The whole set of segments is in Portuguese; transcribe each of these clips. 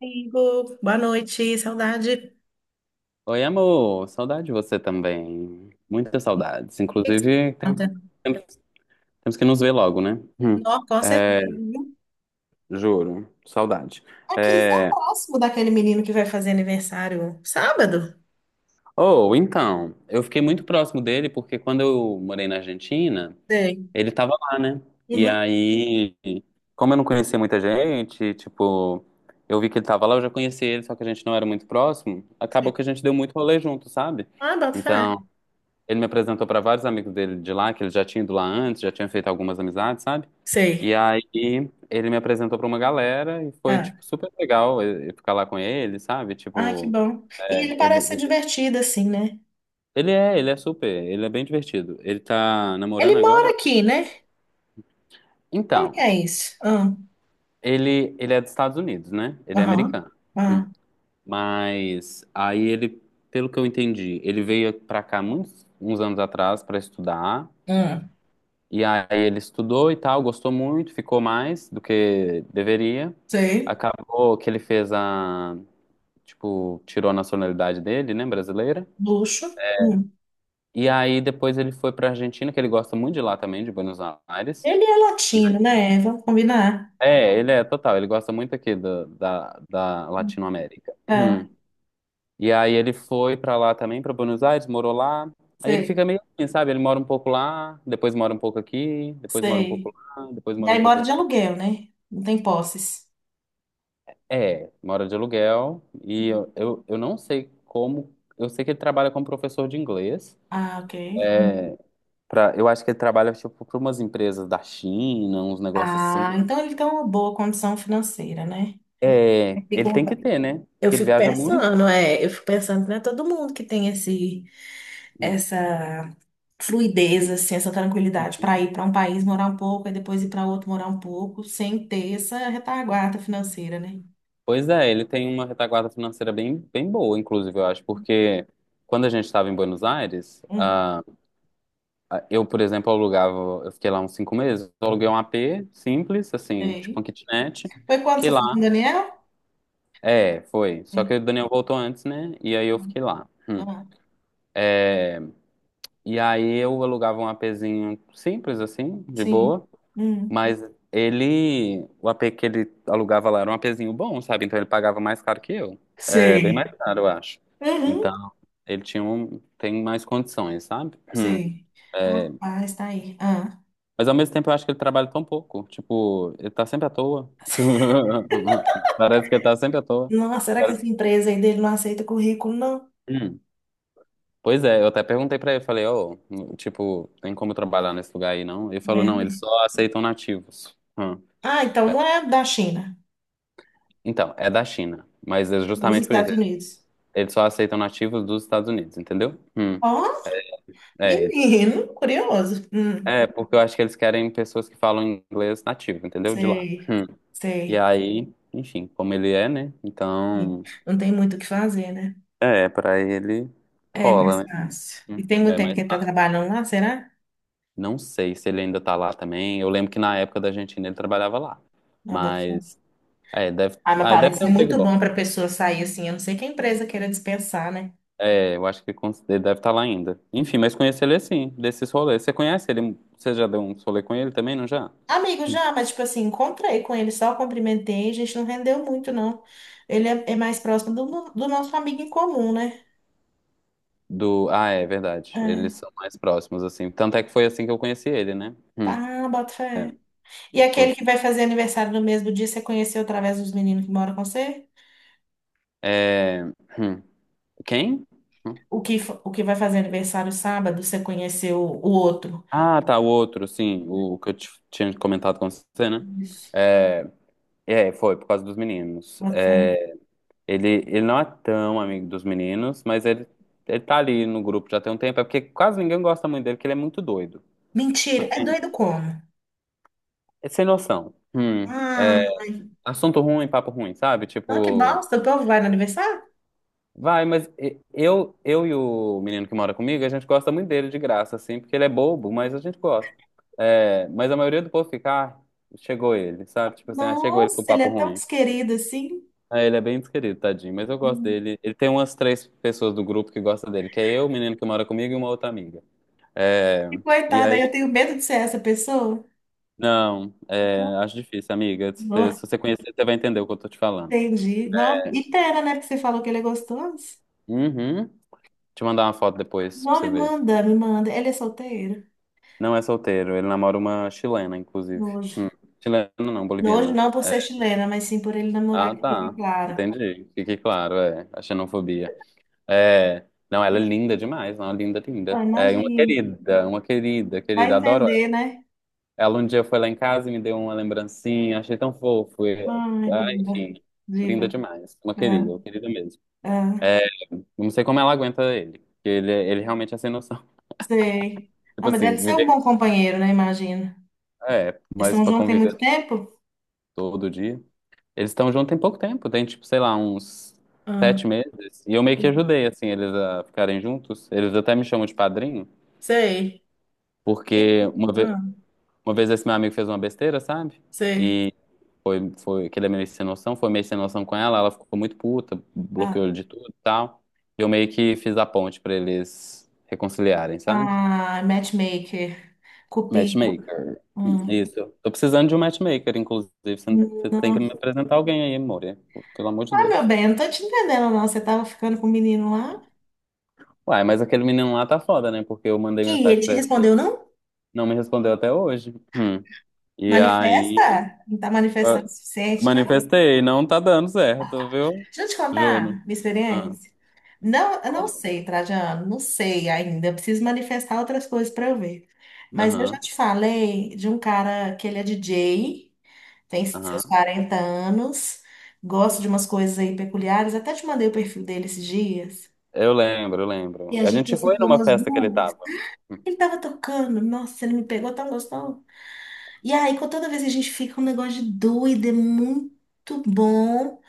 Amigo, boa noite, saudade. O Oi, amor. Saudade de você também. Muitas saudades. que que você Inclusive, conta? temos, temos que nos ver logo, né? Hum. Nó, com certeza, É, viu? juro. Saudade. Aqui, você é É. próximo daquele menino que vai fazer aniversário sábado? Oh, então, eu fiquei muito próximo dele porque quando eu morei na Argentina, Sei. ele tava lá, né? E Uhum. aí, como eu não conhecia muita gente, tipo, eu vi que ele tava lá, eu já conhecia ele, só que a gente não era muito próximo. Acabou Sei. que a gente deu muito rolê junto, sabe? Ah, bota fé. Então. Ele me apresentou para vários amigos dele de lá, que ele já tinha ido lá antes, já tinha feito algumas amizades, sabe? E Sei. aí ele me apresentou para uma galera e foi, Ah, tipo, super legal eu ficar lá com ele, sabe? ah, que Tipo, bom. E é, ele parece ser ele, divertido, assim, né? ele é, ele é super, ele é bem divertido. Ele tá namorando Ele agora? mora aqui, né? Como Então, que é isso? Ah, ele é dos Estados Unidos, né? Ele é aham. americano. Hum. Ah, Mas aí ele, pelo que eu entendi, ele veio para cá uns anos atrás para estudar. ah, E aí ele estudou e tal, gostou muito, ficou mais do que deveria. sei. Acabou que ele tipo, tirou a nacionalidade dele, né, brasileira. Luxo. Hum. E aí depois ele foi pra Argentina, que ele gosta muito de lá também, de Buenos Aires. Ele é E- latino, né? Vamos combinar. É, ele é total, ele gosta muito aqui da Hum. Latinoamérica. Ah, E aí ele foi pra lá também, pra Buenos Aires, morou lá. Aí ele sei, fica meio assim, sabe? Ele mora um pouco lá, depois mora um pouco aqui, depois mora um pouco sei. lá, depois E mora um aí pouco mora de aqui. aluguel, né? Não tem posses. É, mora de aluguel e eu não sei como. Eu sei que ele trabalha como professor de inglês. Ah, ok. É, eu acho que ele trabalha tipo, para umas empresas da China, uns negócios assim. Ah, então ele tem uma boa condição financeira, né? Eu É, ele fico, tem que ter, né? eu Porque ele fico viaja muito. pensando, é, eu fico pensando, não é todo mundo que tem esse, Hum. essa fluidez, assim, essa tranquilidade para ir para um país morar um pouco e depois ir para outro morar um pouco, sem ter essa retaguarda financeira, né? Pois é, ele tem uma retaguarda financeira bem, bem boa, inclusive, eu acho, porque quando a gente estava em Buenos Aires, Hum, eu, por exemplo, eu fiquei lá uns 5 meses, eu aluguei um AP simples, assim, tipo um sei. kitnet. Foi quando Fiquei você lá foi com o Daniel? É, foi. Só que o É. Daniel voltou antes, né? E aí eu fiquei lá. Hum. Ah, E aí eu alugava um APzinho simples, assim, de sim. boa. Hum. Mas ele, o apê que ele alugava lá era um APzinho bom, sabe? Então ele pagava mais caro que eu. É, bem mais Sei. caro, eu acho. Então Uhum. ele tem mais condições, sabe? Hum. Sei. É, Rapaz, tá aí. Ah. mas ao mesmo tempo eu acho que ele trabalha tão pouco. Tipo, ele tá sempre à toa. Parece que ele tá sempre à toa. Nossa, será que Parece. essa empresa aí dele não aceita currículo, não? Pois é, eu até perguntei pra ele, falei, ô, tipo, tem como trabalhar nesse lugar aí, não? Ele falou, Mulher não, eles mesmo. só aceitam nativos. Hum. Ah, então não é da China, Então, é da China, mas é dos justamente por isso, Estados Unidos. eles só aceitam nativos dos Estados Unidos, entendeu? Hum. Ó, É, menino, curioso. É, porque eu acho que eles querem pessoas que falam inglês nativo, entendeu? De lá. Sei, Hum. E sei. aí, enfim, como ele é, né? Então, Não tem muito o que fazer, né? é, pra ele É mais rola, né? fácil. E Hum. tem muito É tempo que mais ele tá fácil. trabalhando lá, será? Não sei se ele ainda tá lá também. Eu lembro que na época da Argentina ele trabalhava lá. Não, bota fé. Mas é, deve, Ah, mas ah, deve parece ter um ser emprego muito bom bom. para pessoa sair assim. Eu não sei que a empresa queira dispensar, né? É, eu acho que ele deve estar lá ainda. Enfim, mas conheci ele assim, desses rolês. Você conhece ele? Você já deu um rolê com ele também, não já? Amigo já, mas tipo assim, encontrei com ele, só cumprimentei, a gente não rendeu muito, não. Ele é mais próximo do nosso amigo em comum, né? É verdade. Eles É. são mais próximos, assim. Tanto é que foi assim que eu conheci ele, né? Tá, bota fé. E Foi. aquele que vai fazer aniversário no mesmo dia, você conheceu através dos meninos que moram com você? É, hum. Quem? Hum. O que vai fazer aniversário sábado, você conheceu o outro? Ah, tá, o outro, sim. O que eu tinha comentado com você, né? Isso. É, é, foi por causa dos meninos. Bota fé. É, ele não é tão amigo dos meninos, mas ele tá ali no grupo já tem um tempo. É porque quase ninguém gosta muito dele, porque ele é muito doido. Tipo Mentira, é assim, doido como? é sem noção. Ah, É, ai, assunto ruim, papo ruim, sabe? não, que Tipo, bosta, o povo vai no aniversário? vai, mas eu e o menino que mora comigo, a gente gosta muito dele de graça, assim, porque ele é bobo, mas a gente gosta. É, mas a maioria do povo fica, ah, chegou ele, sabe? Tipo assim, ah, chegou ele com Nossa, ele papo é tão ruim. desquerido assim. Ah, ele é bem desquerido, tadinho, mas eu gosto dele. Ele tem umas três pessoas do grupo que gostam dele, que é eu, o menino que mora comigo e uma outra amiga. É, E, e coitada, aí, eu tenho medo de ser essa pessoa. não, acho difícil, amiga. Se Não, você conhecer, você vai entender o que eu tô te falando. entendi. Não, e pera, né? Porque você falou que ele é gostoso. Uhum. Te mandar uma foto depois pra Não, você me ver. manda, me manda. Ele é solteiro? Não é solteiro, ele namora uma chilena, inclusive. Nojo. Hum. Chilena não, Nojo boliviana. não por ser chilena, mas sim por ele namorar, Ah, que fique tá. clara. Entendi. Fiquei claro, é. A xenofobia. É. Não, ela é linda demais, não, linda, linda. Ah, É, e imagino. Uma querida, Vai querida. Adoro. entender, né? Ela um dia foi lá em casa e me deu uma lembrancinha, achei tão fofo. Ai, Ah, linda. enfim, Diva. linda demais. Ah, Uma querida mesmo. ah, É, não sei como ela aguenta ele, porque ele realmente é sem noção. sei. Ah, Tipo mas assim, deve ser um viver. bom companheiro, né? Imagino. É, Eles mas estão pra juntos tem muito conviver tempo? todo dia. Eles estão juntos tem pouco tempo, tem tipo, sei lá, uns Ah, 7 meses. E eu meio que ajudei, assim, eles a ficarem juntos. Eles até me chamam de padrinho, sei. porque uma Menina, vez. ah, Uma vez esse meu amigo fez uma besteira, sabe? sei. E que ele é meio sem noção, foi meio sem noção com ela, ela ficou muito puta, Ah. bloqueou ele de tudo e tal. E eu meio que fiz a ponte pra eles reconciliarem, sabe? Ah, matchmaker, cupido. Matchmaker. Hum. Isso. Tô precisando de um matchmaker, inclusive. Você você tem Não. que me apresentar alguém aí, Moria. Pelo amor de Ah, meu Deus. bem, eu não tô te entendendo, não. Você tava ficando com o menino lá? Uai, mas aquele menino lá tá foda, né? Porque eu mandei Que ele mensagem te pra ele, respondeu, não? não me respondeu até hoje. Hum. E aí. Manifesta? Não tá manifestando o suficiente, não? Manifestei, não tá dando certo, viu? Deixa eu te Juro. contar minha Ah, experiência. Não, eu não quando? sei, Trajano, não sei ainda. Eu preciso manifestar outras coisas para eu ver. Mas eu já Aham, te falei de um cara que ele é DJ, tem seus aham. 40 anos, gosta de umas coisas aí peculiares. Até te mandei o perfil dele esses dias. Eu lembro, eu E lembro. a A gente já gente foi ficou numa umas festa que ele duas. tava. Ele tava tocando, nossa, ele me pegou tão gostoso. E aí, com toda vez que a gente fica um negócio de doido, é muito bom.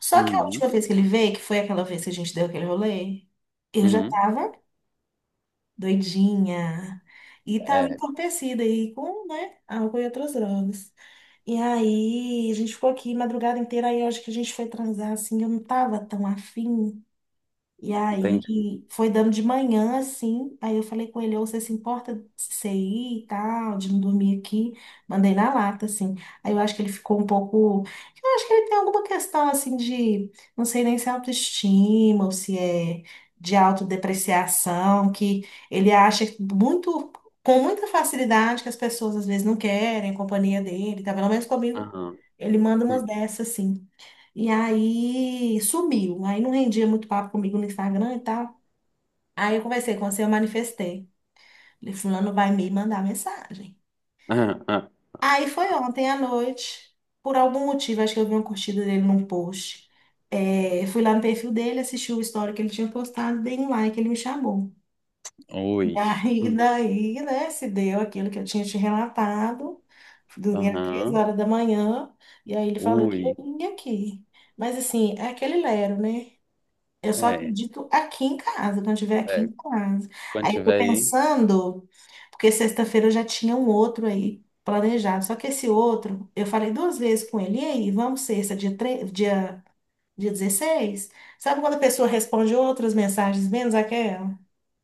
Só que a Uhum, última vez que ele veio, que foi aquela vez que a gente deu aquele rolê, eu já uhum. tava doidinha. E tava É, entorpecida aí com, né, álcool e outras drogas. E aí, a gente ficou aqui madrugada inteira, aí eu acho que a gente foi transar, assim, eu não tava tão afim. E entendi. aí foi dando de manhã, assim. Aí eu falei com ele, ou você se importa de você ir e tal, de não dormir aqui? Mandei na lata, assim. Aí eu acho que ele ficou um pouco. Eu acho que ele tem alguma questão assim de. Não sei nem se é autoestima ou se é de autodepreciação, que ele acha que muito. Com muita facilidade que as pessoas às vezes não querem a companhia dele, tá? Pelo menos comigo, Aham. ele manda umas Uhum. dessas assim. E aí sumiu. Aí não rendia muito papo comigo no Instagram e tal. Aí eu conversei com você, eu manifestei. Falei, fulano vai me mandar mensagem. Aham. Aham. Aí foi ontem à noite, por algum motivo, acho que eu vi uma curtida dele num post. É, fui lá no perfil dele, assisti o story que ele tinha postado, dei um like, ele me chamou. E Ui. aí, daí, né, se deu aquilo que eu tinha te relatado. Dormia às três Aham. horas da manhã, e aí ele falou que eu Ui. vim aqui. Mas assim, é aquele lero, né? Eu só É, acredito aqui em casa, quando eu estiver aqui é. em casa. Quando Aí eu tô tiver aí. pensando, porque sexta-feira eu já tinha um outro aí planejado. Só que esse outro, eu falei duas vezes com ele, e aí, vamos sexta, dia 16. Sabe quando a pessoa responde outras mensagens menos aquela?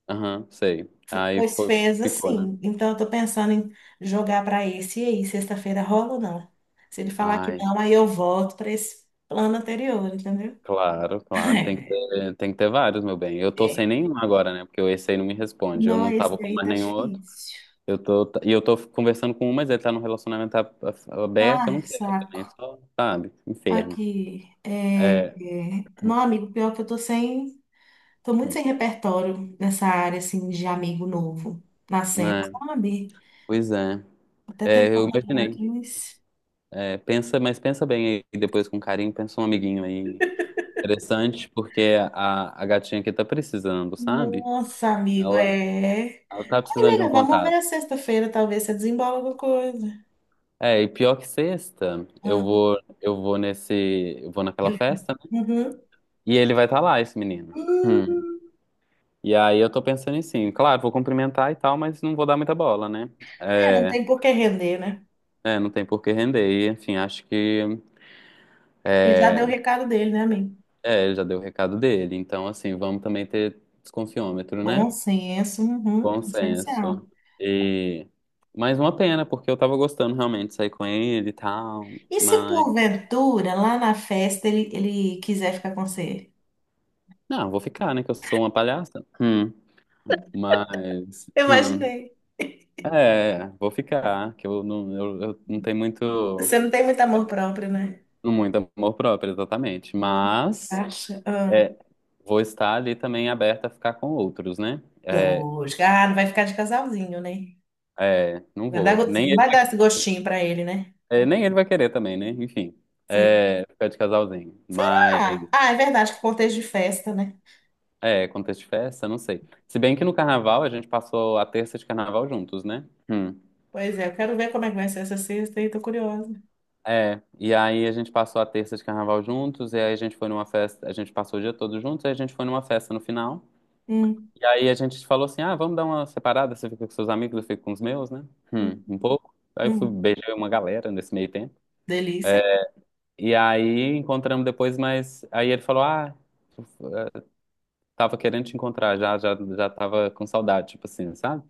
Aham, sei. Aí Pois foi, fez ficou, né? assim. Então eu tô pensando em jogar para esse e aí, sexta-feira rola ou não? Se ele falar que Ai, não, aí eu volto para esse plano anterior, entendeu? claro, claro. Tem que ter, tem que ter vários, meu bem. Eu tô sem nenhum agora, né? Porque esse aí não me responde. Eu Não, não esse tava com daí mais tá nenhum outro. difícil. Eu tô conversando com um, mas ele tá num relacionamento aberto, eu não Ai, quero saco. também, é só, sabe? Inferno. Aqui, É, Não, amigo, pior que eu tô sem... Tô muito hum, sem repertório nessa área, assim, de amigo novo. Nascendo, é, sabe? pois é. Até tem É, eu vontade, imaginei. mas... É, pensa, mas pensa bem aí, depois com carinho, pensa um amiguinho aí. Interessante, porque a gatinha aqui tá precisando, sabe? Nossa, amigo, Ela, é... ela tá Ai, precisando de um melhor, vamos ver contato. a sexta-feira, talvez você desembola alguma coisa. É, e pior que sexta, eu Ah, vou, eu vou nesse, eu vou naquela festa, né? uhum. E ele vai estar lá, esse menino. Hum, Hum, E aí eu tô pensando em sim, claro, vou cumprimentar e tal, mas não vou dar muita bola, né? é, não É, tem por que render, né? é, não tem por que render. E, enfim, acho que Ele já deu o recado dele, né, amigo? Ele já deu o recado dele. Então, assim, vamos também ter desconfiômetro, né? Bom senso, uhum, Bom essencial. senso. E mas uma pena, porque eu tava gostando realmente de sair com ele e tal, E se mas porventura, lá na festa, ele quiser ficar com você? não, vou ficar, né, que eu sou uma palhaça. Hum, mas Eu hum, imaginei. é, vou ficar, que eu não tenho muito Você não tem muito amor próprio, né? muito amor próprio, exatamente, Não mas acha? Ah, é, vou estar ali também aberta a ficar com outros, né? É, lógico. Ah, não vai ficar de casalzinho, né? é, não Vai dar, vou. go- Nem ele vai dar esse gostinho pra ele, né? vai, é, nem ele vai querer também, né? Enfim, Sim. Ficar de casalzinho. Mas, Ah, é verdade, que contexto de festa, né? é, contexto de festa, não sei. Se bem que no carnaval a gente passou a terça de carnaval juntos, né? Hum. Pois é, eu quero ver como é que vai ser essa sexta e tô curiosa. É, e aí a gente passou a terça de carnaval juntos, e aí a gente foi numa festa, a gente passou o dia todo juntos, e a gente foi numa festa no final. Hum, E aí a gente falou assim: ah, vamos dar uma separada, você fica com seus amigos, eu fico com os meus, né? hum, Um pouco. Aí eu fui, hum. beijei uma galera nesse meio tempo. Delícia. É, e aí encontramos depois, mas aí ele falou: ah, eh, tava querendo te encontrar, já, já, já tava com saudade, tipo assim, sabe?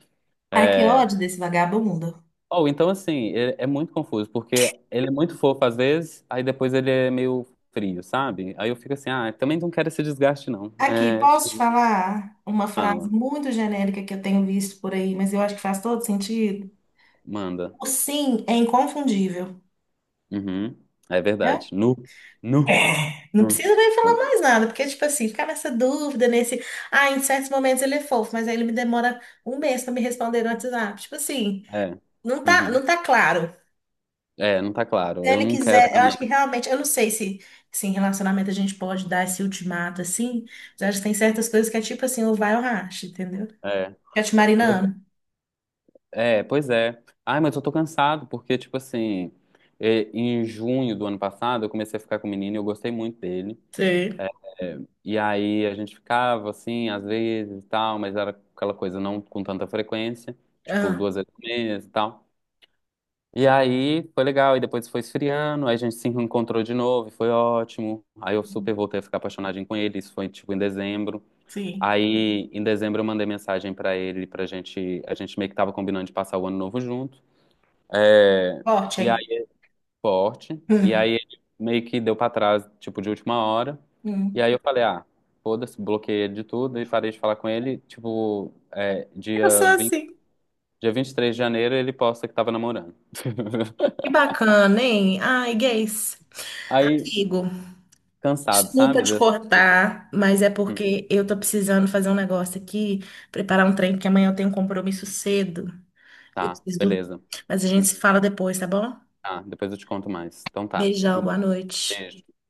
Ai, que É. ódio desse vagabundo. Ou então, assim, é muito confuso, porque ele é muito fofo às vezes, aí depois ele é meio frio, sabe? Aí eu fico assim: ah, também não quero esse desgaste, não. Aqui, É, posso te chega, falar uma frase fala, muito genérica que eu tenho visto por aí, mas eu acho que faz todo sentido? manda. O sim é inconfundível, Uhum, é né? verdade. Nu, nu. É. Não Hum, precisa nem falar ah, mais nada, porque, tipo assim, ficar nessa dúvida, nesse. Ah, em certos momentos ele é fofo, mas aí ele me demora um mês para me responder no WhatsApp. Tipo assim, é. não tá, Uhum. não tá claro. É, não tá Se claro. Eu ele não quero quiser, eu também. acho que realmente, eu não sei se, em relacionamento a gente pode dar esse ultimato assim, mas eu acho que tem certas coisas que é tipo assim, ou vai ou racha, entendeu? É. Fica te Mas- marinando. é, pois é. Ai, mas eu tô cansado, porque, tipo assim, em junho do ano passado, eu comecei a ficar com o menino e eu gostei muito dele. Sim. É, e aí a gente ficava, assim, às vezes e tal, mas era aquela coisa não com tanta frequência, tipo, Ah, duas vezes por mês e tal. E aí foi legal, e depois foi esfriando, aí a gente se encontrou de novo, e foi ótimo. Aí eu super voltei a ficar apaixonadinho com ele, isso foi, tipo, em dezembro. sim. Aí, em dezembro, eu mandei mensagem pra ele, pra gente. A gente meio que tava combinando de passar o ano novo junto. É, Forte, e hein? aí, forte. E aí, Hum, ele meio que deu pra trás, tipo, de última hora. E hum. aí, eu falei, ah, foda-se, bloqueei ele de tudo e parei de falar com ele. Tipo, Eu sou assim. dia 23 de janeiro, ele posta que tava namorando. Que bacana, hein? Ai, gays. Aí, Amigo, cansado, desculpa sabe? te de- cortar, mas é Hum, porque eu tô precisando fazer um negócio aqui, preparar um trem, porque amanhã eu tenho um compromisso cedo. Eu tá, preciso dormir. beleza. Mas a gente Hum, se fala depois, tá bom? tá, depois eu te conto mais. Então tá. Beijão, boa noite. Beijo. Tchau.